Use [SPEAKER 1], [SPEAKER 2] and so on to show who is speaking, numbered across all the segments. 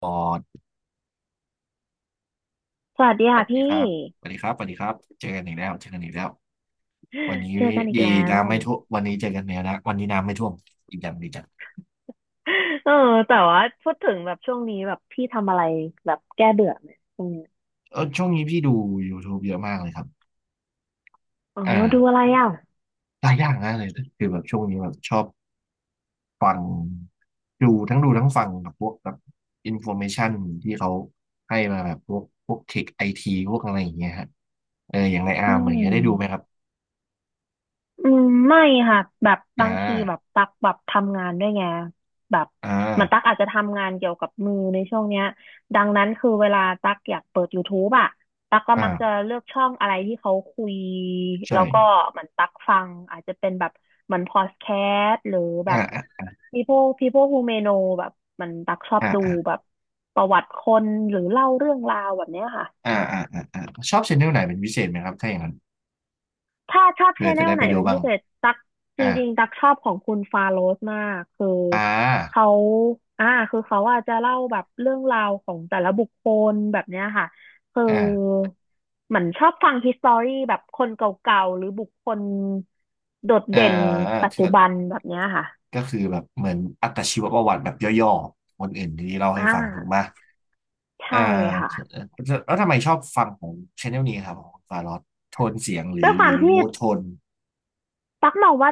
[SPEAKER 1] ปอด
[SPEAKER 2] สวัสดี
[SPEAKER 1] สวั
[SPEAKER 2] ค่ะ
[SPEAKER 1] สดีค
[SPEAKER 2] พี่
[SPEAKER 1] รับสวัสดีครับสวัสดีครับเจอกันอีกแล้วเจอกันอีกแล้ววันนี้
[SPEAKER 2] เจอกันอีก
[SPEAKER 1] ดี
[SPEAKER 2] แล้ว
[SPEAKER 1] น้ำไม่ท่วมวันนี้เจอกันแล้วนะวันนี้น้ำไม่ท่วมดีจังดีจัง
[SPEAKER 2] เออแต่ว่าพูดถึงแบบช่วงนี้แบบพี่ทำอะไรแบบแก้เบื่อไหมช่วงเนี้ย
[SPEAKER 1] เออช่วงนี้พี่ดู YouTube เยอะมากเลยครับ
[SPEAKER 2] อ๋อ
[SPEAKER 1] อ
[SPEAKER 2] ดูอะ
[SPEAKER 1] ่า
[SPEAKER 2] ไรอ่ะ
[SPEAKER 1] หลายอย่างนะเลยคือแบบช่วงนี้แบบชอบฟังดูทั้งดูทั้งฟังแบบพวกแบบอินโฟเมชันที่เขาให้มาแบบพวกเทคไอทีพวกอะไรอย่างเงี้ยฮะเอออย่างในอา
[SPEAKER 2] อื
[SPEAKER 1] ร์มอย่างเงี้ยได้ดูไหมค
[SPEAKER 2] ม
[SPEAKER 1] รับ
[SPEAKER 2] อืมไม่ค่ะแบบบา
[SPEAKER 1] อ่า
[SPEAKER 2] งทีแบบตักแบบทำงานด้วยไงแบบ
[SPEAKER 1] อ่า
[SPEAKER 2] เหมือนตักอาจจะทำงานเกี่ยวกับมือในช่วงเนี้ยดังนั้นคือเวลาตักอยากเปิด YouTube อะตักก็มักจะ
[SPEAKER 1] อ่า
[SPEAKER 2] เลือกช่องอะไรที่เขาคุยแล้วก็
[SPEAKER 1] ใช่
[SPEAKER 2] เหมือนตักฟังอาจจะเป็นแบบเหมือนพอดแคสต์หรือแบ
[SPEAKER 1] อ่า
[SPEAKER 2] บ
[SPEAKER 1] อ่า
[SPEAKER 2] people who may know แบบมันตักชอบดู
[SPEAKER 1] อ่า
[SPEAKER 2] แบบประวัติคนหรือเล่าเรื่องราวแบบเนี้ยค่ะ
[SPEAKER 1] อ่าอ่าอ่าอ่าชอบชแนลไหนเป็นพิเศษไหมครับถ้าอย่างนั้น
[SPEAKER 2] ถ้าชอบช
[SPEAKER 1] เผื่อ
[SPEAKER 2] แน
[SPEAKER 1] จะ
[SPEAKER 2] ล
[SPEAKER 1] ได้
[SPEAKER 2] ไห
[SPEAKER 1] ไป
[SPEAKER 2] น
[SPEAKER 1] ดู
[SPEAKER 2] เป็น
[SPEAKER 1] บ้า
[SPEAKER 2] พิ
[SPEAKER 1] ง
[SPEAKER 2] เศษตักจ
[SPEAKER 1] อ่า
[SPEAKER 2] ริงๆตักชอบของคุณฟาโรสมากคือ
[SPEAKER 1] อ่า
[SPEAKER 2] เขาอ่าคือเขาอาจจะเล่าแบบเรื่องราวของแต่ละบุคคลแบบเนี้ยค่ะคือ
[SPEAKER 1] อ่า
[SPEAKER 2] เหมือนชอบฟัง h ิสตอรี่แบบคนเก่าๆหรือบุคคลโดด
[SPEAKER 1] อ่า
[SPEAKER 2] เด่นปัจ
[SPEAKER 1] คือ
[SPEAKER 2] จุบันแบบเนี้ยค่ะ
[SPEAKER 1] ก็คือแบบเหมือนอัตชีวประวัติแบบย่อๆคนอื่นที่เราให้
[SPEAKER 2] อ่า
[SPEAKER 1] ฟังถูกไหมอ่
[SPEAKER 2] ใช่ค่ะ
[SPEAKER 1] าแล้วทำไมชอบฟังของชแนลนี้ครับของฟารอดโทนเสียงหรื
[SPEAKER 2] ด้ว
[SPEAKER 1] อ
[SPEAKER 2] ยความที่
[SPEAKER 1] มูดโทน
[SPEAKER 2] ตักมองว่า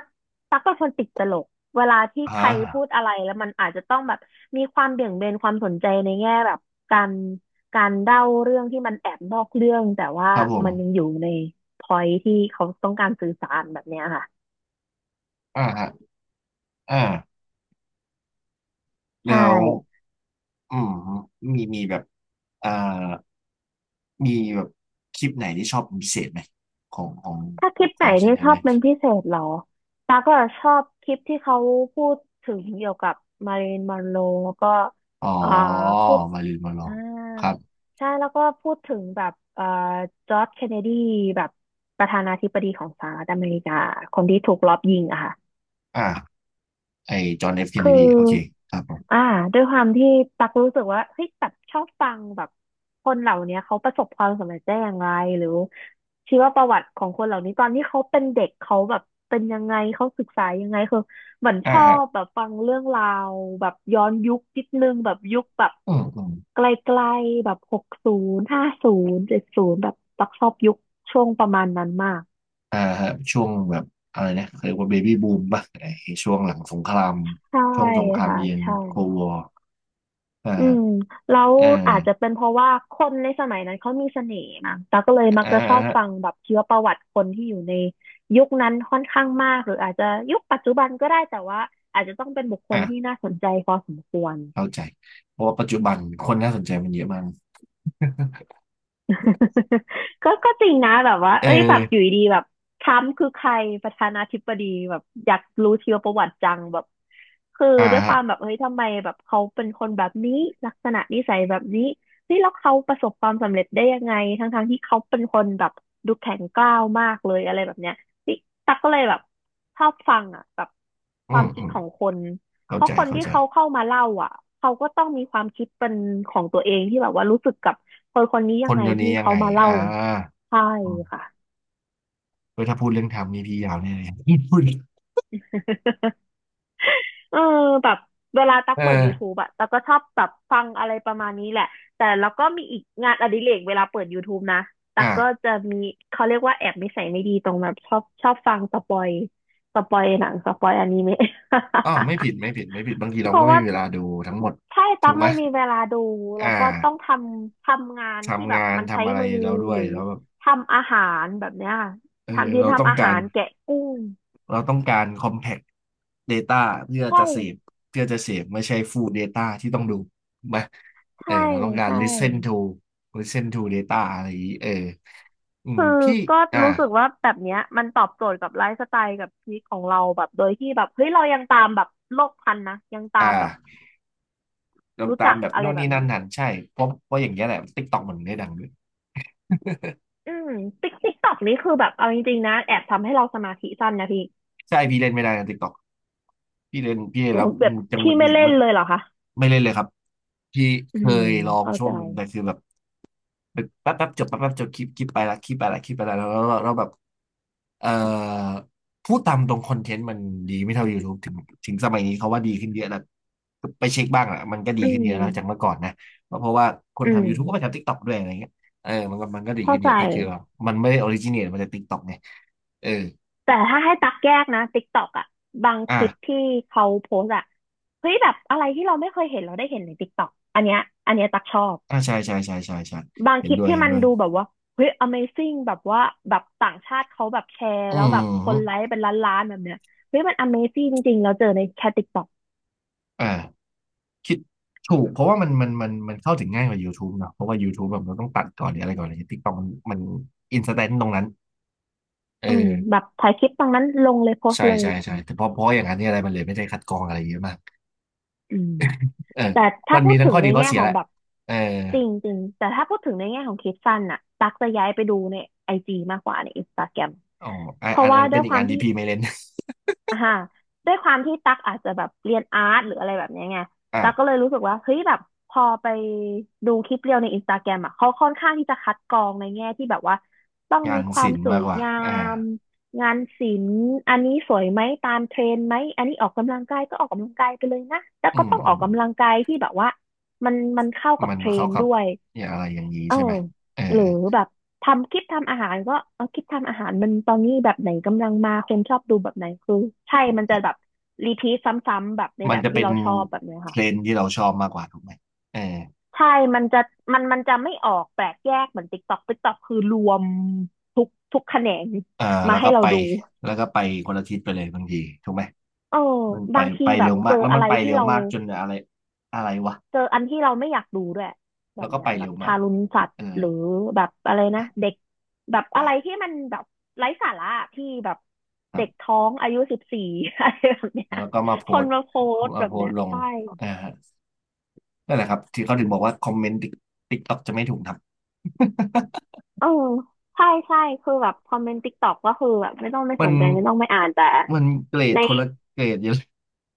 [SPEAKER 2] ตักเป็นคนติดตลกเวลาที่
[SPEAKER 1] อ่
[SPEAKER 2] ใครพูด
[SPEAKER 1] า
[SPEAKER 2] อะไรแล้วมันอาจจะต้องแบบมีความเบี่ยงเบนความสนใจในแง่แบบการการเล่าเรื่องที่มันแอบนอกเรื่องแต่ว่า
[SPEAKER 1] ครับผ
[SPEAKER 2] มันยัง
[SPEAKER 1] ม
[SPEAKER 2] อยู่ในพอยที่เขาต้องการสื่อสารแบบเนี้ยค่ะ
[SPEAKER 1] อ่าฮะอ่า
[SPEAKER 2] ใช่
[SPEAKER 1] แล้วอืมมีแบบอ่ามีแบบคลิปไหนที่ชอบเป็นพิเศษไหมของของ
[SPEAKER 2] ถ้าคลิป
[SPEAKER 1] ข
[SPEAKER 2] ไหน
[SPEAKER 1] องช
[SPEAKER 2] ที่
[SPEAKER 1] แน
[SPEAKER 2] ช
[SPEAKER 1] ล
[SPEAKER 2] อบ
[SPEAKER 1] นี้
[SPEAKER 2] เป็นพิเศษเหรอตาก็ชอบคลิปที่เขาพูดถึงเกี่ยวกับมาริลีนมอนโรแล้วก็
[SPEAKER 1] อ๋อ
[SPEAKER 2] อ่าพูด
[SPEAKER 1] มาริลมาลอ
[SPEAKER 2] อ่า
[SPEAKER 1] งครับ
[SPEAKER 2] ใช่แล้วก็พูดถึงแบบจอร์จเคนเนดีแบบประธานาธิบดีของสหรัฐอเมริกาคนที่ถูกลอบยิงอะค่ะ
[SPEAKER 1] อ่าไอจอห์นเอฟเคนเน
[SPEAKER 2] คือ
[SPEAKER 1] ดีโอเคครับผม
[SPEAKER 2] อ่าด้วยความที่ตักรู้สึกว่าเฮ้ยแบบชอบฟังแบบคนเหล่าเนี้ยเขาประสบความสำเร็จได้อย่างไรหรือชีวประวัติของคนเหล่านี้ตอนที่เขาเป็นเด็กเขาแบบเป็นยังไงเขาศึกษายังไงคือเหมือนช
[SPEAKER 1] อ่า
[SPEAKER 2] อ
[SPEAKER 1] ฮะ
[SPEAKER 2] บแบบฟังเรื่องราวแบบย้อนยุคนิดนึงแบบยุคแบบ
[SPEAKER 1] อืมอืม
[SPEAKER 2] ไกลๆแบบหกศูนย์ห้าศูนย์เจ็ดศูนย์แบบตักชอบยุคช่วงประมาณนั้นมาก
[SPEAKER 1] อ่าฮะช่วงแบบอะไรนะเขาเรียกว่าเบบี้บูมป่ะไอช่วงหลังสงคราม
[SPEAKER 2] ใช่
[SPEAKER 1] ช่วงสงคราม
[SPEAKER 2] ค่ะ
[SPEAKER 1] เย็น
[SPEAKER 2] ใช่
[SPEAKER 1] โคลวอร์อ
[SPEAKER 2] อืม
[SPEAKER 1] ่า
[SPEAKER 2] แล้ว
[SPEAKER 1] อ่า
[SPEAKER 2] อาจจะเป็นเพราะว่าคนในสมัยนั้นเขามีเสน่ห์มั้งตาก็เลยมัก
[SPEAKER 1] อ่า
[SPEAKER 2] จะชอบ
[SPEAKER 1] ฮะ
[SPEAKER 2] ฟังแบบชีวประวัติคนที่อยู่ในยุคนั้นค่อนข้างมากหรืออาจจะยุคปัจจุบันก็ได้แต่ว่าอาจจะต้องเป็นบุคคลที่
[SPEAKER 1] อ่า
[SPEAKER 2] น่าสนใจพอสมควร
[SPEAKER 1] เข้าใจเพราะว่าปัจจุบันคนน่าสนใจมันเยอะมาก
[SPEAKER 2] ก็จริงนะแบบว่า
[SPEAKER 1] เอ
[SPEAKER 2] เอ้ยแบบอยู่
[SPEAKER 1] อ
[SPEAKER 2] ดีๆแบบทรัมป์คือใครประธานาธิบดีแบบอยากรู้ชีวประวัติจังแบบคือ
[SPEAKER 1] อ่า
[SPEAKER 2] ด้วยค
[SPEAKER 1] ฮะ
[SPEAKER 2] วามแบบเฮ้ยทำไมแบบเขาเป็นคนแบบนี้ลักษณะนิสัยแบบนี้นี่แล้วเขาประสบความสำเร็จได้ยังไงทั้งๆที่เขาเป็นคนแบบดูแข็งกร้าวมากเลยอะไรแบบเนี้ยนี่ตักก็เลยแบบชอบฟังอ่ะแบบ
[SPEAKER 1] อื
[SPEAKER 2] ควา
[SPEAKER 1] ม
[SPEAKER 2] มคิ
[SPEAKER 1] อื
[SPEAKER 2] ด
[SPEAKER 1] ม
[SPEAKER 2] ของคน เพ
[SPEAKER 1] เข้า
[SPEAKER 2] ราะ
[SPEAKER 1] ใจ
[SPEAKER 2] คน
[SPEAKER 1] เข้า
[SPEAKER 2] ที่
[SPEAKER 1] ใจ
[SPEAKER 2] เขาเข้ามาเล่าอ่ะเขาก็ต้องมีความคิดเป็นของตัวเองที่แบบว่ารู้สึกกับคนคนนี้
[SPEAKER 1] ค
[SPEAKER 2] ยัง
[SPEAKER 1] น
[SPEAKER 2] ไง
[SPEAKER 1] เดี๋ยวนี้
[SPEAKER 2] ที่
[SPEAKER 1] ยัง
[SPEAKER 2] เขา
[SPEAKER 1] ไง
[SPEAKER 2] มาเล่า
[SPEAKER 1] อ่า
[SPEAKER 2] ใช่
[SPEAKER 1] อืม
[SPEAKER 2] ค่ะ
[SPEAKER 1] เฮ้ยถ้าพูดเรื่องทำนี่พี่ยาวแน่เลย พูด
[SPEAKER 2] เออแบบเวลาตัก
[SPEAKER 1] เอ
[SPEAKER 2] เปิด
[SPEAKER 1] อ
[SPEAKER 2] YouTube อะตักก็ชอบแบบฟังอะไรประมาณนี้แหละแต่แล้วก็มีอีกงานอดิเรกเวลาเปิด YouTube นะตัก
[SPEAKER 1] อ่ะ
[SPEAKER 2] ก็จะมีเขาเรียกว่าแอบนิสัยไม่ดีตรงแบบชอบฟังสปอยสปอยหนังสปอยอนิเมะ
[SPEAKER 1] อ๋อไม่ผิดไม่ผิดไม่ผิดบางที
[SPEAKER 2] เพ
[SPEAKER 1] เราก็
[SPEAKER 2] ราะ
[SPEAKER 1] ไม่
[SPEAKER 2] ว่า
[SPEAKER 1] มีเวลาดูทั้งหมด
[SPEAKER 2] ใช่
[SPEAKER 1] ถู
[SPEAKER 2] ตั๊ก
[SPEAKER 1] กไหม
[SPEAKER 2] ไม่มีเวลาดูแล้
[SPEAKER 1] อ่า
[SPEAKER 2] วก็ต้องทำทำงานที่
[SPEAKER 1] ทำ
[SPEAKER 2] แบ
[SPEAKER 1] งา
[SPEAKER 2] บ
[SPEAKER 1] น
[SPEAKER 2] มันใช้
[SPEAKER 1] ทำอะไร
[SPEAKER 2] มือ
[SPEAKER 1] เราด้ว
[SPEAKER 2] ห
[SPEAKER 1] ย
[SPEAKER 2] รือ
[SPEAKER 1] แล้วแบบ
[SPEAKER 2] ทำอาหารแบบเนี้ย
[SPEAKER 1] เออ
[SPEAKER 2] ทำยืน
[SPEAKER 1] เราต้อ
[SPEAKER 2] ทำ
[SPEAKER 1] ง
[SPEAKER 2] อา
[SPEAKER 1] กา
[SPEAKER 2] หา
[SPEAKER 1] ร
[SPEAKER 2] รแกะกุ้ง
[SPEAKER 1] เราต้องการ compact data เพื่อ
[SPEAKER 2] ใช่
[SPEAKER 1] จะเสพเพื่อจะเสพไม่ใช่ full data ที่ต้องดูถูกไหมเออ
[SPEAKER 2] ใช่
[SPEAKER 1] เราต้องการ
[SPEAKER 2] ใช่
[SPEAKER 1] listen to listen to data อะไรอย่างนี้เอออืม
[SPEAKER 2] คือ
[SPEAKER 1] พี่
[SPEAKER 2] ก็
[SPEAKER 1] อ่า
[SPEAKER 2] รู้สึกว่าแบบเนี้ยมันตอบโจทย์กับไลฟ์สไตล์กับชีวิตของเราแบบโดยที่แบบเฮ้ยเรายังตามแบบโลกทันนะยังตา
[SPEAKER 1] อ่า
[SPEAKER 2] มแบบ
[SPEAKER 1] ลง
[SPEAKER 2] รู้
[SPEAKER 1] ตา
[SPEAKER 2] จั
[SPEAKER 1] ม
[SPEAKER 2] ก
[SPEAKER 1] แบบ
[SPEAKER 2] อะไร
[SPEAKER 1] นู่น
[SPEAKER 2] แบ
[SPEAKER 1] นี่
[SPEAKER 2] บ
[SPEAKER 1] นั่
[SPEAKER 2] เนี้
[SPEAKER 1] น
[SPEAKER 2] ย
[SPEAKER 1] หันใช่เพราะอย่างเงี้ยแหละ t i k t อกมันได้ดังด้วย
[SPEAKER 2] อืมติ๊กติ๊กตอกนี้คือแบบเอาจริงๆนะแอบทำให้เราสมาธิสั้นนะพี่
[SPEAKER 1] ใช่พี่เล่นไม่ได้นะติ๊กต็อกพี่เล่นพี่เล่น
[SPEAKER 2] โอ้
[SPEAKER 1] แล้
[SPEAKER 2] โห
[SPEAKER 1] ว
[SPEAKER 2] แบบ
[SPEAKER 1] จังห
[SPEAKER 2] พี่
[SPEAKER 1] งุดห
[SPEAKER 2] ไม่
[SPEAKER 1] งิด
[SPEAKER 2] เล่น
[SPEAKER 1] มาก
[SPEAKER 2] เลยเหรอคะ
[SPEAKER 1] ไม่เล่นเลยครับพี่
[SPEAKER 2] อื
[SPEAKER 1] เค
[SPEAKER 2] ม
[SPEAKER 1] ยลอง
[SPEAKER 2] เข้า
[SPEAKER 1] ช่ว
[SPEAKER 2] ใจ
[SPEAKER 1] งหนึ่งแต่คือแบบแป๊บแป๊บจบแป๊บแป๊บจบคลิปคลิปไปละคลิปไปละคลิปไปละแล้วแบบเอ่อพูดตามตรงคอนเทนต์มันดีไม่เท่า YouTube ถึงสมัยนี้เขาว่าดีขึ้นเยอะแล้วไปเช็คบ้างอะมันก็ดี
[SPEAKER 2] อื
[SPEAKER 1] ขึ้นเย
[SPEAKER 2] ม
[SPEAKER 1] อะแล้วจากเมื่อก่อนนะเพราะว่าคน
[SPEAKER 2] อื
[SPEAKER 1] ทำ
[SPEAKER 2] ม
[SPEAKER 1] YouTube ก็ไปทำ TikTok ด้วยอะไรเงี้ยเออมันก็ดี
[SPEAKER 2] เข้า
[SPEAKER 1] ขึ้นเย
[SPEAKER 2] ใจ
[SPEAKER 1] อะแต่คือแบบมันไม่ได้ออริจิน t e มาจาก TikTok ไงเออ
[SPEAKER 2] แต่ถ้าให้ตักแยกนะติ๊กต็อกอะบาง
[SPEAKER 1] อ่ะ
[SPEAKER 2] คลิปที่เขาโพสต์อะเฮ้ยแบบอะไรที่เราไม่เคยเห็นเราได้เห็นในติกตอกอันเนี้ยอันเนี้ยตักชอบ
[SPEAKER 1] อ่าใช่ใช่ใช่ใช่ใช่
[SPEAKER 2] บาง
[SPEAKER 1] เห็
[SPEAKER 2] ค
[SPEAKER 1] น
[SPEAKER 2] ลิป
[SPEAKER 1] ด้วย
[SPEAKER 2] ที่
[SPEAKER 1] เห็น
[SPEAKER 2] มัน
[SPEAKER 1] ด้วย
[SPEAKER 2] ดูแบบว่าเฮ้ย Amazing แบบว่าแบบต่างชาติเขาแบบแชร์
[SPEAKER 1] อื
[SPEAKER 2] แล้วแบบคนไล
[SPEAKER 1] ม
[SPEAKER 2] ค์เป็นล้านๆแบบเนี้ยเฮ้ยมัน Amazing จริงๆเราเจอในแค่ติกตอก
[SPEAKER 1] อ่าคิดถูกเพราะว่ามันเข้าถึงง่ายกว่า YouTube เนอะเพราะว่า YouTube แบบเราต้องตัดก่อนหรืออะไรก่อนเลยติ๊กต็อกมันอินสแตนต์ตรงนั้นเอ
[SPEAKER 2] อืมแบ
[SPEAKER 1] อ
[SPEAKER 2] บถ่ายคลิปตรงนั้นลงเลยโพส
[SPEAKER 1] ใช่
[SPEAKER 2] ต์เลย
[SPEAKER 1] ใช่
[SPEAKER 2] แบบ
[SPEAKER 1] ใช่
[SPEAKER 2] เนี้ย
[SPEAKER 1] แต่เพราะอย่างนั้นเนี่ยอะไรมันเลยไม่ได้คัดกรองอะไรเยอะมาก
[SPEAKER 2] อืม
[SPEAKER 1] เออ
[SPEAKER 2] แต่ถ้า
[SPEAKER 1] มัน
[SPEAKER 2] พู
[SPEAKER 1] มี
[SPEAKER 2] ด
[SPEAKER 1] ทั้ง
[SPEAKER 2] ถึ
[SPEAKER 1] ข้
[SPEAKER 2] ง
[SPEAKER 1] อ
[SPEAKER 2] ใน
[SPEAKER 1] ดีข้อ
[SPEAKER 2] แง่
[SPEAKER 1] เสีย
[SPEAKER 2] ขอ
[SPEAKER 1] แห
[SPEAKER 2] ง
[SPEAKER 1] ละ
[SPEAKER 2] แบบ
[SPEAKER 1] เออ
[SPEAKER 2] จริงจริงแต่ถ้าพูดถึงในแง่ของคลิปสั้นน่ะตักจะย้ายไปดูในไอจีมากกว่าในอินสตาแกรม
[SPEAKER 1] อ๋ออั
[SPEAKER 2] เพ
[SPEAKER 1] นอั
[SPEAKER 2] ราะ
[SPEAKER 1] นอั
[SPEAKER 2] ว่า
[SPEAKER 1] น
[SPEAKER 2] ด้
[SPEAKER 1] เป็
[SPEAKER 2] ว
[SPEAKER 1] น
[SPEAKER 2] ย
[SPEAKER 1] อี
[SPEAKER 2] ค
[SPEAKER 1] ก
[SPEAKER 2] วา
[SPEAKER 1] อั
[SPEAKER 2] ม
[SPEAKER 1] นที่
[SPEAKER 2] ที่
[SPEAKER 1] พี่ไม่เล่น
[SPEAKER 2] อ่าฮะด้วยความที่ตักอาจจะแบบเรียนอาร์ตหรืออะไรแบบเนี้ยไง
[SPEAKER 1] อ่ะ
[SPEAKER 2] ตักก็เลยรู้สึกว่าเฮ้ยแบบพอไปดูคลิปเรียวในอินสตาแกรมอ่ะเขาค่อนข้างที่จะคัดกรองในแง่ที่แบบว่าต้อง
[SPEAKER 1] งา
[SPEAKER 2] มี
[SPEAKER 1] น
[SPEAKER 2] ควา
[SPEAKER 1] ศิ
[SPEAKER 2] ม
[SPEAKER 1] ลป์
[SPEAKER 2] สว
[SPEAKER 1] มาก
[SPEAKER 2] ย
[SPEAKER 1] กว่า
[SPEAKER 2] งา
[SPEAKER 1] อ่า
[SPEAKER 2] มงานศิลป์อันนี้สวยไหมตามเทรนด์ไหมอันนี้ออกกำลังกายก็ออกกำลังกายไปเลยนะแต่
[SPEAKER 1] อื
[SPEAKER 2] ก็
[SPEAKER 1] ม
[SPEAKER 2] ต้อง
[SPEAKER 1] อื
[SPEAKER 2] ออ
[SPEAKER 1] ม
[SPEAKER 2] กกำลังกายที่แบบว่ามันเข้ากับ
[SPEAKER 1] มัน
[SPEAKER 2] เทร
[SPEAKER 1] เข้า
[SPEAKER 2] นด์
[SPEAKER 1] กับ
[SPEAKER 2] ด้วย
[SPEAKER 1] อย่างอะไรอย่างนี้
[SPEAKER 2] เออ
[SPEAKER 1] ใช่ไหมเออ
[SPEAKER 2] หรือแบบทำคลิปทำอาหารก็เอาคลิปทำอาหารมันตอนนี้แบบไหนกำลังมาคนชอบดูแบบไหนคือใช่มันจะแบบรีพีทซ้ำๆแบบใน
[SPEAKER 1] มั
[SPEAKER 2] แบ
[SPEAKER 1] น
[SPEAKER 2] บ
[SPEAKER 1] จะ
[SPEAKER 2] ที่
[SPEAKER 1] เป็น
[SPEAKER 2] เราชอบแบบเนี้ย
[SPEAKER 1] เท
[SPEAKER 2] ค่ะ
[SPEAKER 1] รนด์ที่เราชอบมากกว่าถูกไหมเออ
[SPEAKER 2] ใช่มันจะมันจะไม่ออกแปลกแยกเหมือนติ๊กต็อกติ๊กตอกคือรวมทุกแขนง
[SPEAKER 1] เออ
[SPEAKER 2] มา
[SPEAKER 1] แล้ว
[SPEAKER 2] ให้
[SPEAKER 1] ก็
[SPEAKER 2] เรา
[SPEAKER 1] ไป
[SPEAKER 2] ดู
[SPEAKER 1] แล้วก็ไปคนละทิศไปเลยบางทีถูกไหม
[SPEAKER 2] เออ
[SPEAKER 1] มันไป
[SPEAKER 2] บางที
[SPEAKER 1] ไป
[SPEAKER 2] แบ
[SPEAKER 1] เร็
[SPEAKER 2] บ
[SPEAKER 1] ว
[SPEAKER 2] เจ
[SPEAKER 1] มาก
[SPEAKER 2] อ
[SPEAKER 1] แล้ว
[SPEAKER 2] อะ
[SPEAKER 1] มัน
[SPEAKER 2] ไร
[SPEAKER 1] ไป
[SPEAKER 2] ที่
[SPEAKER 1] เร็ว
[SPEAKER 2] เรา
[SPEAKER 1] มากจนอะไรอะไรวะ
[SPEAKER 2] เจออันที่เราไม่อยากดูด้วยแบ
[SPEAKER 1] แล้ว
[SPEAKER 2] บ
[SPEAKER 1] ก็
[SPEAKER 2] เนี้ย
[SPEAKER 1] ไป
[SPEAKER 2] แบ
[SPEAKER 1] เร็
[SPEAKER 2] บ
[SPEAKER 1] วมา
[SPEAKER 2] ทา
[SPEAKER 1] ก
[SPEAKER 2] รุณสัตว์
[SPEAKER 1] เออ
[SPEAKER 2] หรือแบบอะไรนะ
[SPEAKER 1] อ่ะ
[SPEAKER 2] เด็กแบบอะไรที่มันแบบไร้สาระที่แบบ
[SPEAKER 1] ครั
[SPEAKER 2] เด็ก
[SPEAKER 1] บ
[SPEAKER 2] ท้องอายุ14 อะไรแบบเนี้ย
[SPEAKER 1] แล้วก็มาโพ
[SPEAKER 2] ค
[SPEAKER 1] ส
[SPEAKER 2] น
[SPEAKER 1] ต์
[SPEAKER 2] มาโพสต์
[SPEAKER 1] มา
[SPEAKER 2] แบ
[SPEAKER 1] โพ
[SPEAKER 2] บ
[SPEAKER 1] ส
[SPEAKER 2] เนี้ย
[SPEAKER 1] ต์ลง
[SPEAKER 2] ใช่
[SPEAKER 1] อ่านั่นแหละครับที่เขาถึงบอกว่าคอมเมนต์ติ๊กต็อกจะไม่ถูกทำ
[SPEAKER 2] เออใช่ใช่คือแบบคอมเมนต์ติ๊กต็อกก็คือแบบไม่ต้องไม่
[SPEAKER 1] มั
[SPEAKER 2] ส
[SPEAKER 1] น
[SPEAKER 2] นใจไม่ต้องไม่อ่านแต่
[SPEAKER 1] มันเกรด
[SPEAKER 2] ใน
[SPEAKER 1] คนละเกรดเยอะ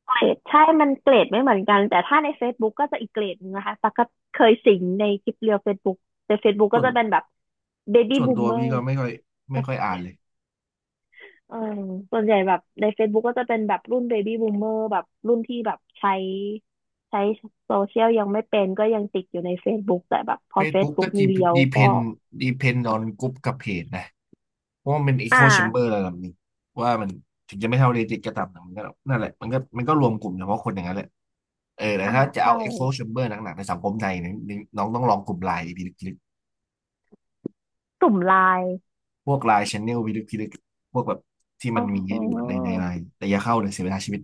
[SPEAKER 2] เกรดใช่มันเกรดไม่เหมือนกันแต่ถ้าใน Facebook ก็จะอีกเกรดนึงนะคะตักก็เคยสิงในคลิปเรียว Facebook ใน Facebook
[SPEAKER 1] ส่
[SPEAKER 2] ก็
[SPEAKER 1] วน
[SPEAKER 2] จะเป็นแบบ Baby
[SPEAKER 1] ส่วนตัว
[SPEAKER 2] Boomer
[SPEAKER 1] พี่ก็ไม่ค่อยอ่านเลย
[SPEAKER 2] เออส่วนใหญ่แบบใน Facebook ก็จะเป็นแบบรุ่นเบบี้บูมเมอร์แบบรุ่นที่แบบใช้โซเชียลยังไม่เป็นก็ยังติดอยู่ใน Facebook แต่แบบพอ
[SPEAKER 1] Facebook ก็
[SPEAKER 2] Facebook มีเรียว
[SPEAKER 1] ดีเพ
[SPEAKER 2] ก็
[SPEAKER 1] นออนกรุ๊ปกับเพจนะเพราะว่ามันเป็น
[SPEAKER 2] อ่
[SPEAKER 1] Echo Chamber
[SPEAKER 2] า
[SPEAKER 1] ระดับหนึ้งว่ามันถึงจะไม่เท่า Reddit ก็ตามแต่มันก็นั่นแหละมันก็รวมกลุ่มเฉพาะคนอย่างนั้นแหละเออแต่
[SPEAKER 2] อ่า
[SPEAKER 1] ถ้าจะ
[SPEAKER 2] ใช่
[SPEAKER 1] เอา Echo Chamber หนักๆในสังคมไทยเนี่ยนน้องต้องลองกลุ่มไลน์พิลึกพิลึก
[SPEAKER 2] กลุ่มไลน์
[SPEAKER 1] พวกไลน์ Channel พิลึกพิลึกพวกแบบที่
[SPEAKER 2] อ๋
[SPEAKER 1] มั
[SPEAKER 2] อ
[SPEAKER 1] นมีให้ดูในในไลน์แต่อย่าเข้าเลยเสียเวลาชีวิต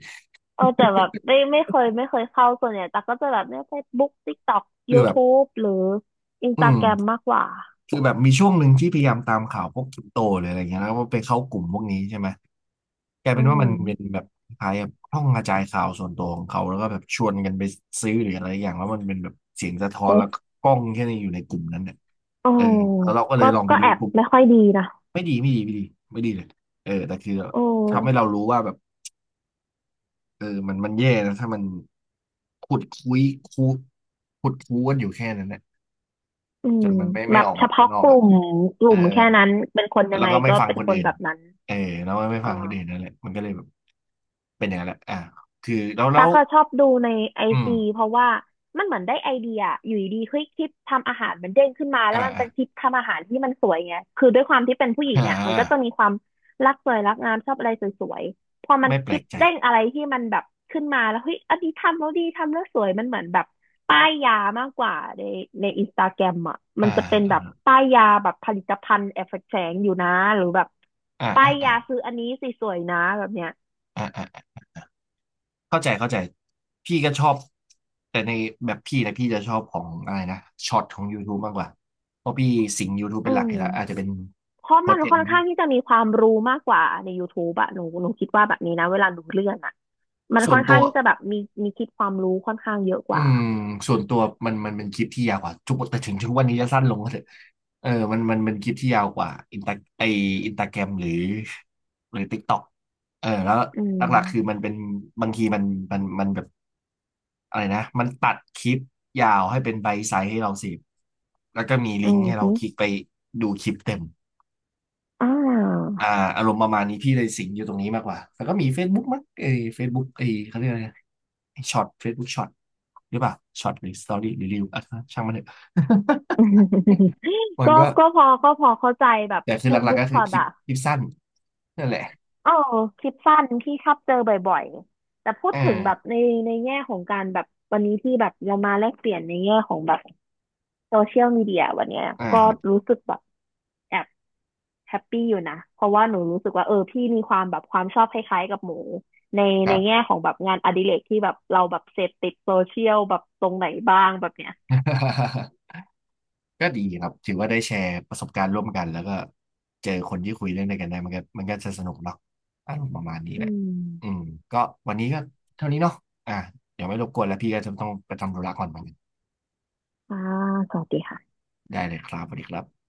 [SPEAKER 2] เออแต่แบบไม่เคยเข้าส่วนใหญ่แต่กก็จะแบบเนี่ย Facebook TikTok
[SPEAKER 1] คือแบบ
[SPEAKER 2] YouTube หรือ
[SPEAKER 1] อืม
[SPEAKER 2] Instagram มมากกว่า
[SPEAKER 1] คือแบบมีช่วงหนึ่งที่พยายามตามข่าวพวกคริปโตหรืออะไรอย่างเงี้ยแล้วก็ไปเข้ากลุ่มพวกนี้ใช่ไหม กลาย
[SPEAKER 2] อื
[SPEAKER 1] เป็นว่ามันเป็น
[SPEAKER 2] ม
[SPEAKER 1] แบบคล้ายๆแบบห้องกระจายข่าวส่วนตัวของเขาแล้วก็แบบชวนกันไปซื้อหรืออะไรอย่างแล้วมันเป็นแบบเสียงสะท้อน
[SPEAKER 2] เอ๊ะ
[SPEAKER 1] แล้วก็กล้องแค่นี้อยู่ในกลุ่มนั้นเนี่ย
[SPEAKER 2] อ๋อ
[SPEAKER 1] เออแล้วเราก็เล
[SPEAKER 2] ก็
[SPEAKER 1] ยลองไป
[SPEAKER 2] ก็
[SPEAKER 1] ดู
[SPEAKER 2] แอบ
[SPEAKER 1] กลุ่ม
[SPEAKER 2] ไม่ค่อยดีนะ
[SPEAKER 1] ไม่ดีไม่ดีไม่ดีไม่ดีเลยเออแต่คือ
[SPEAKER 2] โอ
[SPEAKER 1] ทำให้เรา
[SPEAKER 2] ้
[SPEAKER 1] รู้ว่าแบบเออมันแย่นะถ้ามันขุดคุยคูขุดคูกันอยู่แค่นั้นเนี่ย
[SPEAKER 2] อื
[SPEAKER 1] จ
[SPEAKER 2] ม
[SPEAKER 1] นมันไม่
[SPEAKER 2] แบ
[SPEAKER 1] ไม่
[SPEAKER 2] บ
[SPEAKER 1] ออก
[SPEAKER 2] เฉ
[SPEAKER 1] มาข้าง
[SPEAKER 2] พาะ
[SPEAKER 1] นอ
[SPEAKER 2] ก
[SPEAKER 1] ก
[SPEAKER 2] ลุ่
[SPEAKER 1] อ่ะ
[SPEAKER 2] มก
[SPEAKER 1] เอ
[SPEAKER 2] ลุ่
[SPEAKER 1] อ
[SPEAKER 2] มแค่นั้นเป็นคนยัง
[SPEAKER 1] แล้
[SPEAKER 2] ไง
[SPEAKER 1] วก็ไม่
[SPEAKER 2] ก็
[SPEAKER 1] ฟัง
[SPEAKER 2] เป็น
[SPEAKER 1] คน
[SPEAKER 2] คน
[SPEAKER 1] อื่น
[SPEAKER 2] แบบนั้น
[SPEAKER 1] เออแล้วไม่
[SPEAKER 2] อ๋อ
[SPEAKER 1] ฟังคนอื่นนั่นแหละมันก็เลยแบบเป็นอย่างนั้นแหละอ่ะคือแล้วแล้
[SPEAKER 2] ตั๊
[SPEAKER 1] ว
[SPEAKER 2] กอะชอบดูในไอ
[SPEAKER 1] อืม
[SPEAKER 2] จีเพราะว่ามันเหมือนได้ไอเดียออยู่ดีๆเฮ้ยคลิปทำอาหารมันเด้งขึ้นมา
[SPEAKER 1] อ
[SPEAKER 2] แล้วมันเป็นคลิ
[SPEAKER 1] ่า
[SPEAKER 2] ปทำอาหารที่มันสวยไงคือด้วยความที่เป็นผู้หญิง
[SPEAKER 1] อ่า
[SPEAKER 2] อ่ะมันก็จะมีความรักสวยรักงามชอบอะไรสวยๆพอมัน
[SPEAKER 1] ไม่แป
[SPEAKER 2] ค
[SPEAKER 1] ล
[SPEAKER 2] ลิป
[SPEAKER 1] กใจ
[SPEAKER 2] เด้งอะไรที่มันแบบขึ้นมาแล้วเฮ้ยอันนี้ทำแล้วดีทำแล้วสวยมันเหมือนแบบป้ายยามากกว่าในอินสตาแกรมอ่ะมั
[SPEAKER 1] อ่า
[SPEAKER 2] นจะเป็นแบบ
[SPEAKER 1] อ
[SPEAKER 2] ป้ายยาแบบผลิตภัณฑ์แอบแฝงอยู่นะหรือแบบ
[SPEAKER 1] ่า
[SPEAKER 2] ป้า
[SPEAKER 1] อ่า
[SPEAKER 2] ย
[SPEAKER 1] อ่าอ่า
[SPEAKER 2] ยาซื้ออันนี้สิสวยนะแบบเนี้ย
[SPEAKER 1] อ่าอ่าเข้าใจเข้าใจพี่ก็ชอบแต่ในแบบพี่นะพี่จะชอบของอะไรนะช็อตของ YouTube มากกว่าเพราะพี่สิง YouTube
[SPEAKER 2] อื
[SPEAKER 1] เป็นหลักอ
[SPEAKER 2] ม
[SPEAKER 1] ยู่แล้วอาจจะเป็น
[SPEAKER 2] เพราะ
[SPEAKER 1] โปร
[SPEAKER 2] มัน
[SPEAKER 1] เจก
[SPEAKER 2] ค่อ
[SPEAKER 1] ต์
[SPEAKER 2] น
[SPEAKER 1] ที่
[SPEAKER 2] ข้างที่จะมีความรู้มากกว่าใน YouTube อะหนูคิดว่าแบบนี้นะเวลาดูเรื่องอะมัน
[SPEAKER 1] ส่
[SPEAKER 2] ค่
[SPEAKER 1] ว
[SPEAKER 2] อ
[SPEAKER 1] น
[SPEAKER 2] น
[SPEAKER 1] ตั
[SPEAKER 2] ข้าง
[SPEAKER 1] ว
[SPEAKER 2] ที่จะแบบมีมีคิดความรู้ค่อนข้างเยอะก
[SPEAKER 1] อื
[SPEAKER 2] ว่า
[SPEAKER 1] มส่วนตัวมันเป็นคลิปที่ยาวกว่าทุกแต่ถึงทุกวันนี้จะสั้นลงก็เถอะเออมันเป็นคลิปที่ยาวกว่าอินตาไออินตาแกรมหรือหรือ TikTok เออแล้ว
[SPEAKER 2] อื
[SPEAKER 1] หลักๆคือมั
[SPEAKER 2] ม
[SPEAKER 1] นเป็นบางทีมันมันแบบ อะไรนะมันตัดคลิปยาวให้เป็นไบต์ไซส์ให้เราเสพแล้วก็มี
[SPEAKER 2] อื
[SPEAKER 1] ลิงก์
[SPEAKER 2] ม
[SPEAKER 1] ให้เรา
[SPEAKER 2] ฮึ
[SPEAKER 1] คลิกไปดูคลิปเต็ม
[SPEAKER 2] อ่า
[SPEAKER 1] อ่าอารมณ์ประมาณนี้พี่เลยสิงอยู่ตรงนี้มากกว่าแล้วก็มี Facebook มั้งเอ้ย Facebook เอ้ยเขาเรียกอะไรช็อต Facebook ช็อตหรือเปล่าช็อตหรือสตอรี่หรือรีวอ่ะช่างมันเถอะ มัน
[SPEAKER 2] ก็
[SPEAKER 1] ก็
[SPEAKER 2] ก็พอก็พอเข้าใจแบบ
[SPEAKER 1] แต่คือหลักๆ
[SPEAKER 2] Facebook
[SPEAKER 1] ก็คือ
[SPEAKER 2] Short
[SPEAKER 1] คลิป
[SPEAKER 2] อะ
[SPEAKER 1] คลิปสั้นนั่นแหละ
[SPEAKER 2] เออคลิปสั้นที่ชอบเจอบ่อยๆแต่พูด
[SPEAKER 1] อ่า
[SPEAKER 2] ถึงแบบในแง่ของการแบบวันนี้ที่แบบเรามาแลกเปลี่ยนในแง่ของแบบโซเชียลมีเดียวันเนี้ย
[SPEAKER 1] อ่า
[SPEAKER 2] ก็
[SPEAKER 1] ค
[SPEAKER 2] รู้สึกแบบแอบ แฮปปี้อยู่นะ เพราะว่าหนูรู้สึกว่าเออพี่มีความแบบความชอบคล้ายๆกับหมูใน
[SPEAKER 1] รับ
[SPEAKER 2] แง่ของแบบงานอดิเรกที่แบบเราแบบเสพติดโซเชียลแบบตรงไหนบ้างแบบเนี้ย
[SPEAKER 1] ก็ดีครับถือว่าได้แชร์ประสบการณ์ร่วมกันแล้วก็เจอคนที่คุยเรื่องเดียวกันได้มันก็จะสนุกเนาะอารมณ์ประมาณนี้
[SPEAKER 2] อื
[SPEAKER 1] แหละอืม
[SPEAKER 2] ม
[SPEAKER 1] ก็วันนี้ก็เท่านี้เนาะอ่ะเดี๋ยวไม่รบกวนแล้วพี่ก็จะต้องไปทำธุระก่อนเหมือนกัน
[SPEAKER 2] อ่าสวัสดีค่ะ
[SPEAKER 1] ได้เลยครับสวัสดีครับ